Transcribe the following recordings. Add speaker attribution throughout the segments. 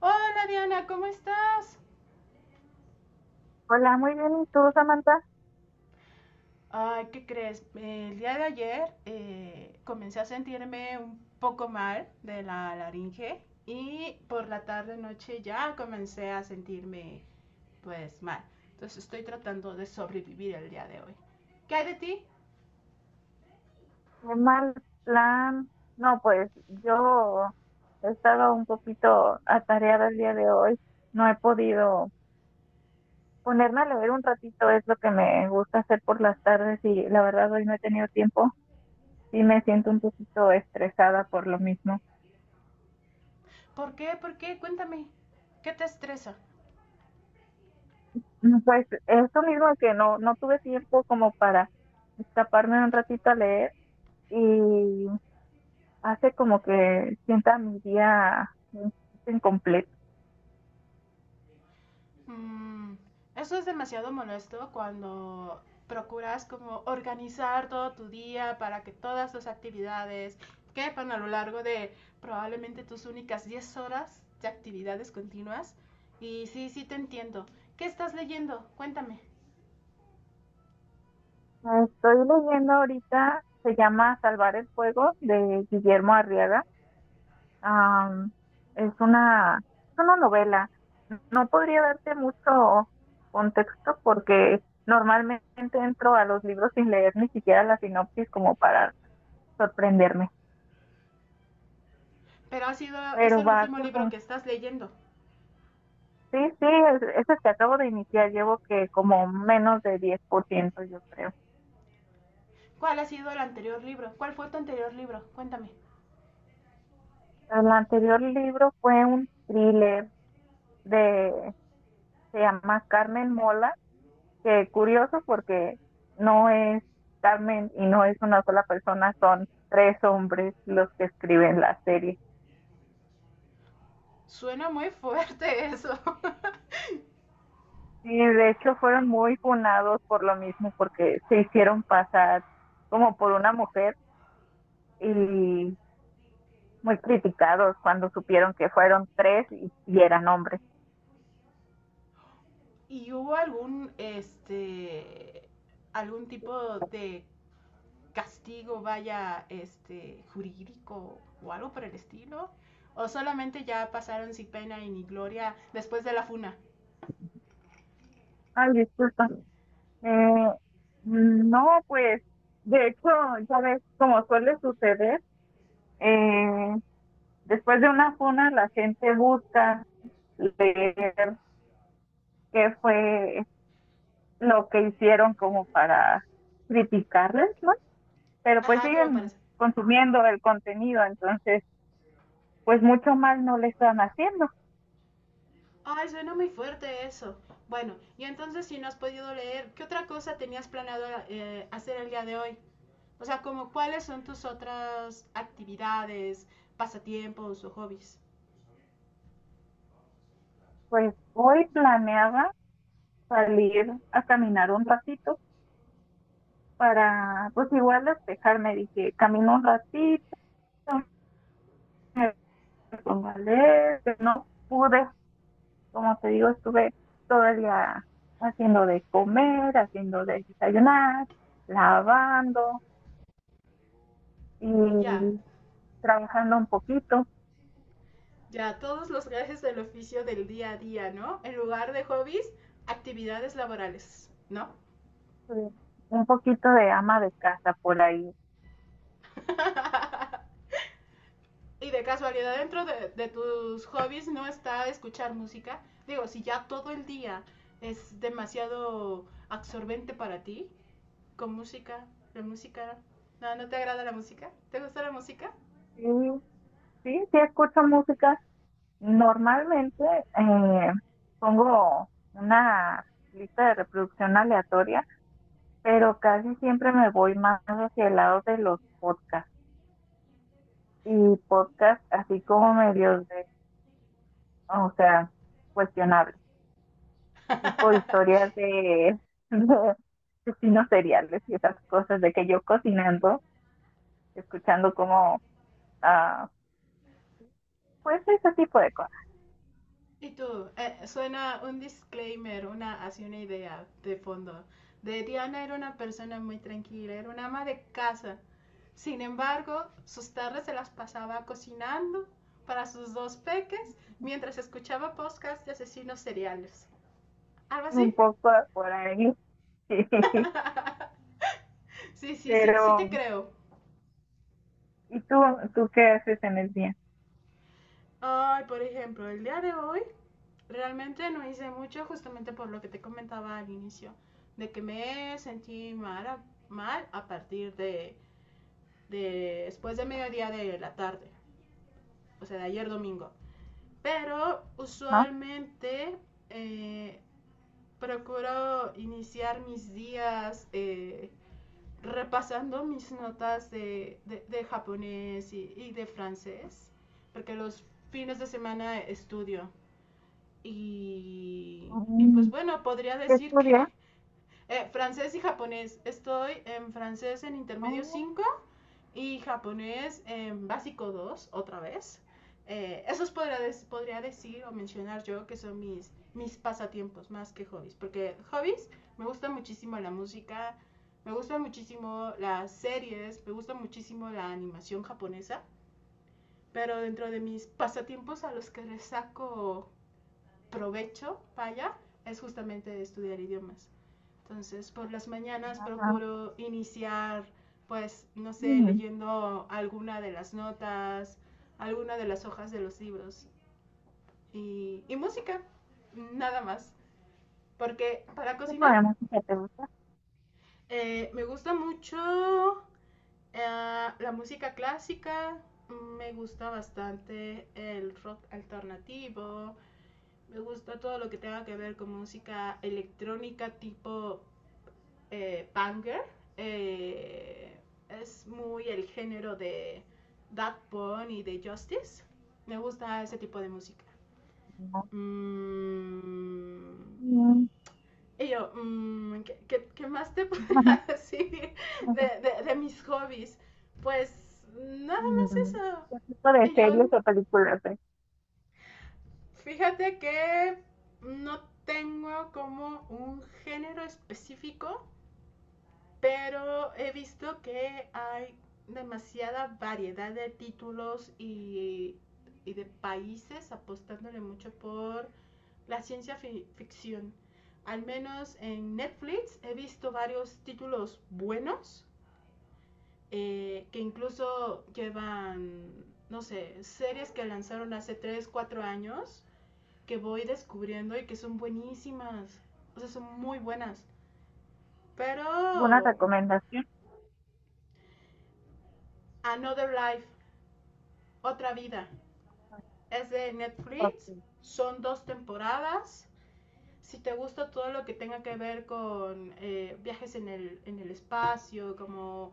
Speaker 1: Hola Diana, ¿cómo estás?
Speaker 2: Hola, muy bien. ¿Y tú, Samantha?
Speaker 1: Ay, ¿qué crees? El día de ayer comencé a sentirme un poco mal de la laringe y por la tarde noche ya comencé a sentirme pues mal. Entonces estoy tratando de sobrevivir el día de hoy. ¿Qué hay de ti?
Speaker 2: Qué mal plan. No, pues yo he estado un poquito atareada el día de hoy. No he podido ponerme a leer un ratito, es lo que me gusta hacer por las tardes y la verdad hoy no he tenido tiempo. Sí me siento un poquito estresada por lo mismo.
Speaker 1: ¿Por qué? ¿Por qué? Cuéntame. ¿Qué te estresa?
Speaker 2: Pues esto mismo que no tuve tiempo como para escaparme un ratito a leer y hace como que sienta mi día mm, incompleto.
Speaker 1: Mm, eso es demasiado molesto cuando procuras como organizar todo tu día para que todas tus actividades quepan a lo largo de probablemente tus únicas 10 horas de actividades continuas. Y sí, sí te entiendo. ¿Qué estás leyendo? Cuéntame.
Speaker 2: Estoy leyendo ahorita, se llama Salvar el Fuego de Guillermo Arriaga. Am, es una novela. No podría darte mucho contexto porque normalmente entro a los libros sin leer ni siquiera la sinopsis como para sorprenderme.
Speaker 1: Pero ha sido, es
Speaker 2: Pero
Speaker 1: el
Speaker 2: va
Speaker 1: último libro
Speaker 2: como,
Speaker 1: que estás leyendo.
Speaker 2: sí, sí, es el que acabo de iniciar. Llevo que como menos de 10% yo creo.
Speaker 1: ¿Cuál ha sido el anterior libro? ¿Cuál fue tu anterior libro? Cuéntame.
Speaker 2: El anterior libro fue un thriller de, se llama Carmen Mola, que curioso porque no es Carmen y no es una sola persona, son tres hombres los que escriben la serie.
Speaker 1: Suena muy fuerte eso.
Speaker 2: Y de hecho fueron muy funados por lo mismo, porque se hicieron pasar como por una mujer y muy criticados cuando supieron que fueron tres y eran hombres.
Speaker 1: ¿Y hubo algún, este, algún tipo de castigo, vaya, este, jurídico o algo por el estilo? ¿O solamente ya pasaron sin pena y ni gloria después de la funa?
Speaker 2: Ay, disculpa. Eh, no, pues de hecho, ya ves, como suele suceder, eh, después de una funa la gente busca leer qué fue lo que hicieron como para criticarles, ¿no? Pero pues
Speaker 1: Ajá, como
Speaker 2: siguen
Speaker 1: parece.
Speaker 2: consumiendo el contenido, entonces pues mucho mal no le están haciendo.
Speaker 1: Ay, suena muy fuerte eso. Bueno, y entonces si no has podido leer, ¿qué otra cosa tenías planeado hacer el día de hoy? O sea, como cuáles son tus otras actividades, pasatiempos o hobbies.
Speaker 2: Pues hoy planeaba salir a caminar un ratito para pues igual despejarme, dije, camino un ratito, me pongo a leer, pero no pude, como te digo, estuve todo el día haciendo de comer, haciendo de desayunar, lavando,
Speaker 1: Ya,
Speaker 2: y trabajando
Speaker 1: ya, todos los gajes del oficio del día a día, ¿no? En lugar de hobbies, actividades laborales, ¿no?
Speaker 2: eh, un poquito de ama de casa por ahí.
Speaker 1: Y de casualidad dentro de tus hobbies no está escuchar música. Digo, si ya todo el día es demasiado absorbente para ti, con música, la música... No, ¿no te agrada la música? ¿Te gusta la música?
Speaker 2: Sí, sí, sí escucho música. Normalmente eh, pongo una lista de reproducción aleatoria, pero casi siempre me voy más hacia el lado de los podcasts y podcasts así como medios de, o sea, cuestionables, tipo historias de, de asesinos seriales y esas cosas de que yo cocinando escuchando como, ah, pues ese tipo de cosas,
Speaker 1: Y tú, suena un disclaimer, una, así una idea de fondo. De Diana era una persona muy tranquila, era una ama de casa. Sin embargo, sus tardes se las pasaba cocinando para sus dos peques mientras escuchaba podcasts de asesinos seriales. ¿Algo así?
Speaker 2: un poco por ahí.
Speaker 1: Sí, sí, sí,
Speaker 2: Pero,
Speaker 1: sí te creo.
Speaker 2: ¿y tú qué haces en el día?
Speaker 1: Ay, por ejemplo, el día de hoy realmente no hice mucho justamente por lo que te comentaba al inicio, de que me sentí mal a, mal a partir de después de mediodía de la tarde, o sea, de ayer domingo. Pero
Speaker 2: ¿No?
Speaker 1: usualmente eh, procuro iniciar mis días repasando mis notas de japonés y, de francés, porque los fines de semana estudio. Y, y pues
Speaker 2: Mm.
Speaker 1: bueno, podría
Speaker 2: ¿Qué
Speaker 1: decir que
Speaker 2: estudias?
Speaker 1: francés y japonés. Estoy en francés en intermedio
Speaker 2: Oh.
Speaker 1: cinco y japonés en básico 2 otra vez. Esos podría, podría decir o mencionar yo que son mis, mis pasatiempos más que hobbies, porque hobbies me gusta muchísimo la música, me gusta muchísimo las series, me gusta muchísimo la animación japonesa, pero dentro de mis pasatiempos a los que les saco provecho, vaya, es justamente estudiar idiomas. Entonces, por las mañanas
Speaker 2: ah,
Speaker 1: procuro iniciar, pues, no sé,
Speaker 2: mm,
Speaker 1: leyendo alguna de las notas, alguna de las hojas de los libros y música, nada más. Porque para
Speaker 2: ¿Qué tipo
Speaker 1: cocinar
Speaker 2: de música te gusta?
Speaker 1: me gusta mucho la música clásica, me gusta bastante el rock alternativo, me gusta todo lo que tenga que ver con música electrónica tipo banger. eh, es muy el género de That Bunny y de Justice. Me gusta ese tipo de música.
Speaker 2: No.
Speaker 1: Mm,
Speaker 2: Mm.
Speaker 1: y yo, mm, ¿qué, qué, qué más te podría decir de, de mis hobbies? Pues nada más
Speaker 2: mm,
Speaker 1: eso.
Speaker 2: ¿Qué tipo de
Speaker 1: Y yo,
Speaker 2: series o películas ves?
Speaker 1: fíjate que no tengo como un género específico. Pero he visto que hay demasiada variedad de títulos y de países apostándole mucho por la ciencia ficción. Al menos en Netflix he visto varios títulos buenos que incluso llevan, no sé, series que lanzaron hace 3, 4 años que voy descubriendo y que son buenísimas. O sea, son muy buenas. Pero
Speaker 2: ¿Alguna recomendación?
Speaker 1: Another Life, Otra Vida. Es de
Speaker 2: Ok.
Speaker 1: Netflix, son 2 temporadas. Si te gusta todo lo que tenga que ver con viajes en el espacio, como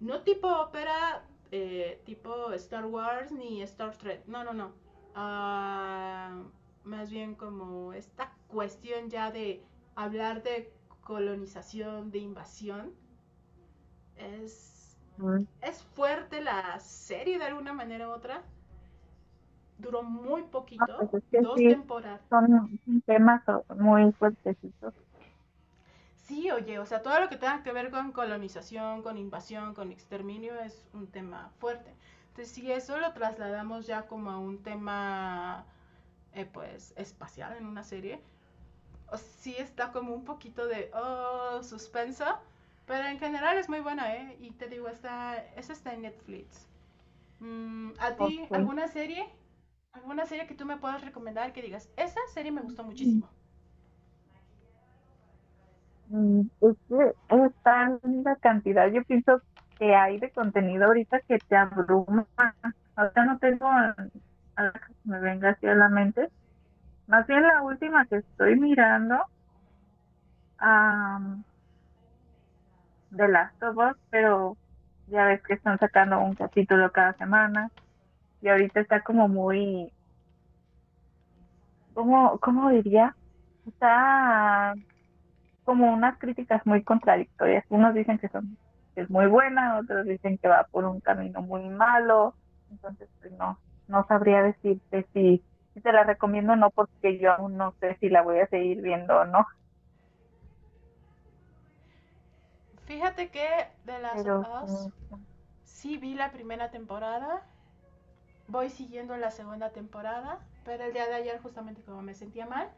Speaker 1: no tipo ópera, tipo Star Wars ni Star Trek, no, no, no. Ah, más bien como esta cuestión ya de hablar de colonización, de invasión. Es,
Speaker 2: mm,
Speaker 1: es fuerte la serie de alguna manera u otra, duró muy
Speaker 2: No,
Speaker 1: poquito,
Speaker 2: pues es que
Speaker 1: dos
Speaker 2: sí,
Speaker 1: temporadas.
Speaker 2: son temas o- muy fuertecitos.
Speaker 1: Sí, oye, o sea, todo lo que tenga que ver con colonización, con invasión, con exterminio es un tema fuerte. Entonces, si eso lo trasladamos ya como a un tema, pues, espacial en una serie, o sea, sí está como un poquito de, oh, suspenso, pero en general es muy buena, ¿eh? Y te digo, está, esa está en Netflix. Mm, ¿a ti
Speaker 2: Ok.
Speaker 1: alguna serie? ¿Alguna serie que tú me puedas recomendar que digas, esa serie me gustó muchísimo?
Speaker 2: Pues es que es tan cantidad, yo pienso que hay de contenido ahorita que te abruma. Ahorita no tengo nada que me venga así a la mente. Más bien la última que estoy mirando, am, de Last of Us, pero ya ves que están sacando un capítulo cada semana y ahorita está como muy, ¿cómo, cómo diría? Está como unas críticas muy contradictorias. Unos dicen que, son, que es muy buena, otros dicen que va por un camino muy malo. Entonces, pues no, no sabría decirte si, si te la recomiendo o no, porque yo aún no sé si la voy a seguir viendo o no.
Speaker 1: Fíjate que The Last of
Speaker 2: Pero sí,
Speaker 1: Us sí vi la primera temporada, voy siguiendo la segunda temporada, pero el día de ayer justamente como me sentía mal,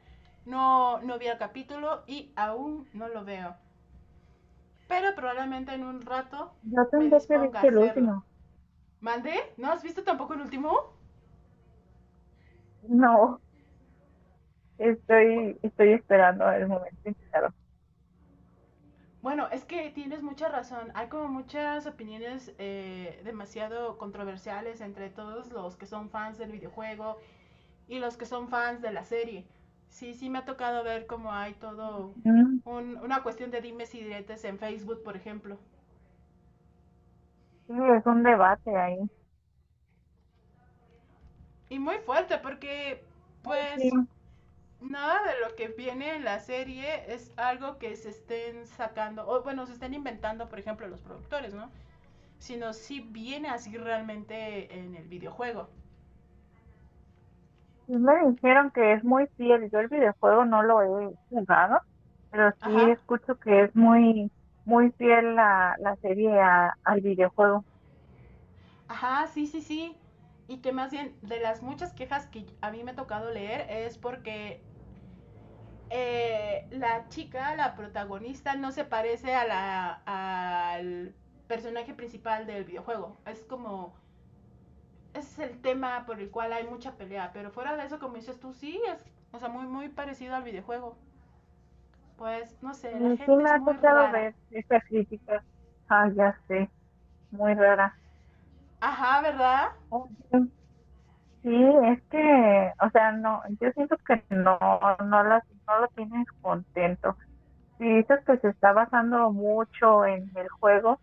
Speaker 1: no, no vi el capítulo y aún no lo veo. Pero probablemente en un rato
Speaker 2: yo
Speaker 1: me
Speaker 2: tendré que ver
Speaker 1: disponga a
Speaker 2: que el
Speaker 1: hacerlo.
Speaker 2: último.
Speaker 1: ¿Mandé? ¿No has visto tampoco el último?
Speaker 2: No, estoy esperando el momento indicado.
Speaker 1: Bueno, es que tienes mucha razón. Hay como muchas opiniones demasiado controversiales entre todos los que son fans del videojuego y los que son fans de la serie. Sí, sí me ha tocado ver cómo hay todo
Speaker 2: Mm.
Speaker 1: una cuestión de dimes y diretes en Facebook, por ejemplo.
Speaker 2: Sí, es un debate ahí.
Speaker 1: Y muy fuerte porque,
Speaker 2: Ay, sí,
Speaker 1: pues, nada de lo que viene en la serie es algo que se estén sacando, o bueno, se estén inventando, por ejemplo, los productores, ¿no? Sino si viene así realmente en el videojuego.
Speaker 2: sí me dijeron que es muy fiel. Yo el videojuego no lo he jugado, pero sí
Speaker 1: Ajá,
Speaker 2: escucho que es muy, muy fiel la serie a- al videojuego.
Speaker 1: ajá, sí, sí, sí. Y que más bien de las muchas quejas que a mí me ha tocado leer es porque la chica, la protagonista, no se parece a la, a, al personaje principal del videojuego. Es como, ese es el tema por el cual hay mucha pelea. Pero fuera de eso, como dices tú, sí, es, o sea, muy, muy parecido al videojuego. Pues, no sé, la
Speaker 2: Mm. Sí
Speaker 1: gente
Speaker 2: me
Speaker 1: es
Speaker 2: ha
Speaker 1: muy
Speaker 2: tocado
Speaker 1: rara.
Speaker 2: ver esa crítica. Ah, ya sé, muy rara.
Speaker 1: Ajá, ¿verdad?
Speaker 2: Oye, sí, es que, o sea, no, yo siento que no, no las, no lo tienes contento. Si dices que se está basando mucho en el juego,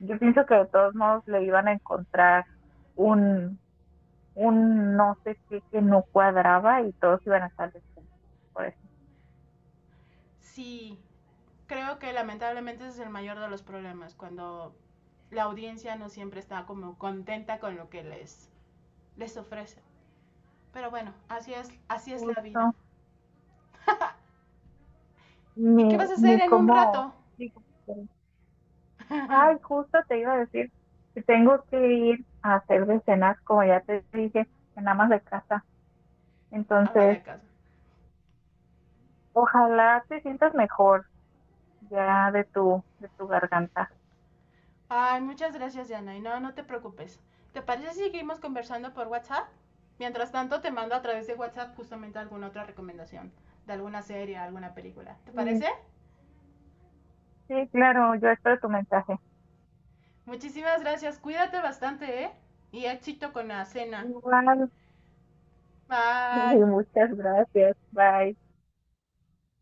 Speaker 2: yo pienso que de todos modos le iban a encontrar un un no sé qué que no cuadraba y todos iban a estar descontentos por ese
Speaker 1: Sí, creo que lamentablemente ese es el mayor de los problemas, cuando la audiencia no siempre está como contenta con lo que les ofrece. Pero bueno, así es la vida.
Speaker 2: justo,
Speaker 1: ¿Y
Speaker 2: ni,
Speaker 1: qué vas a hacer
Speaker 2: ni
Speaker 1: en un
Speaker 2: cómo,
Speaker 1: rato?
Speaker 2: ni cómo-
Speaker 1: Ama
Speaker 2: ay, justo te iba a decir que tengo que ir a hacer de cenas, como ya te dije, en amas de casa. Entonces,
Speaker 1: de casa.
Speaker 2: ojalá te sientas mejor ya de tu garganta.
Speaker 1: Ay, muchas gracias, Diana. Y no, no te preocupes. ¿Te parece si seguimos conversando por WhatsApp? Mientras tanto, te mando a través de WhatsApp justamente alguna otra recomendación de alguna serie, alguna película. ¿Te
Speaker 2: Sí,
Speaker 1: parece?
Speaker 2: sí, claro, yo espero tu mensaje.
Speaker 1: Muchísimas gracias. Cuídate bastante, ¿eh? Y éxito con la cena.
Speaker 2: Igual,
Speaker 1: Bye.
Speaker 2: muchas gracias. Bye.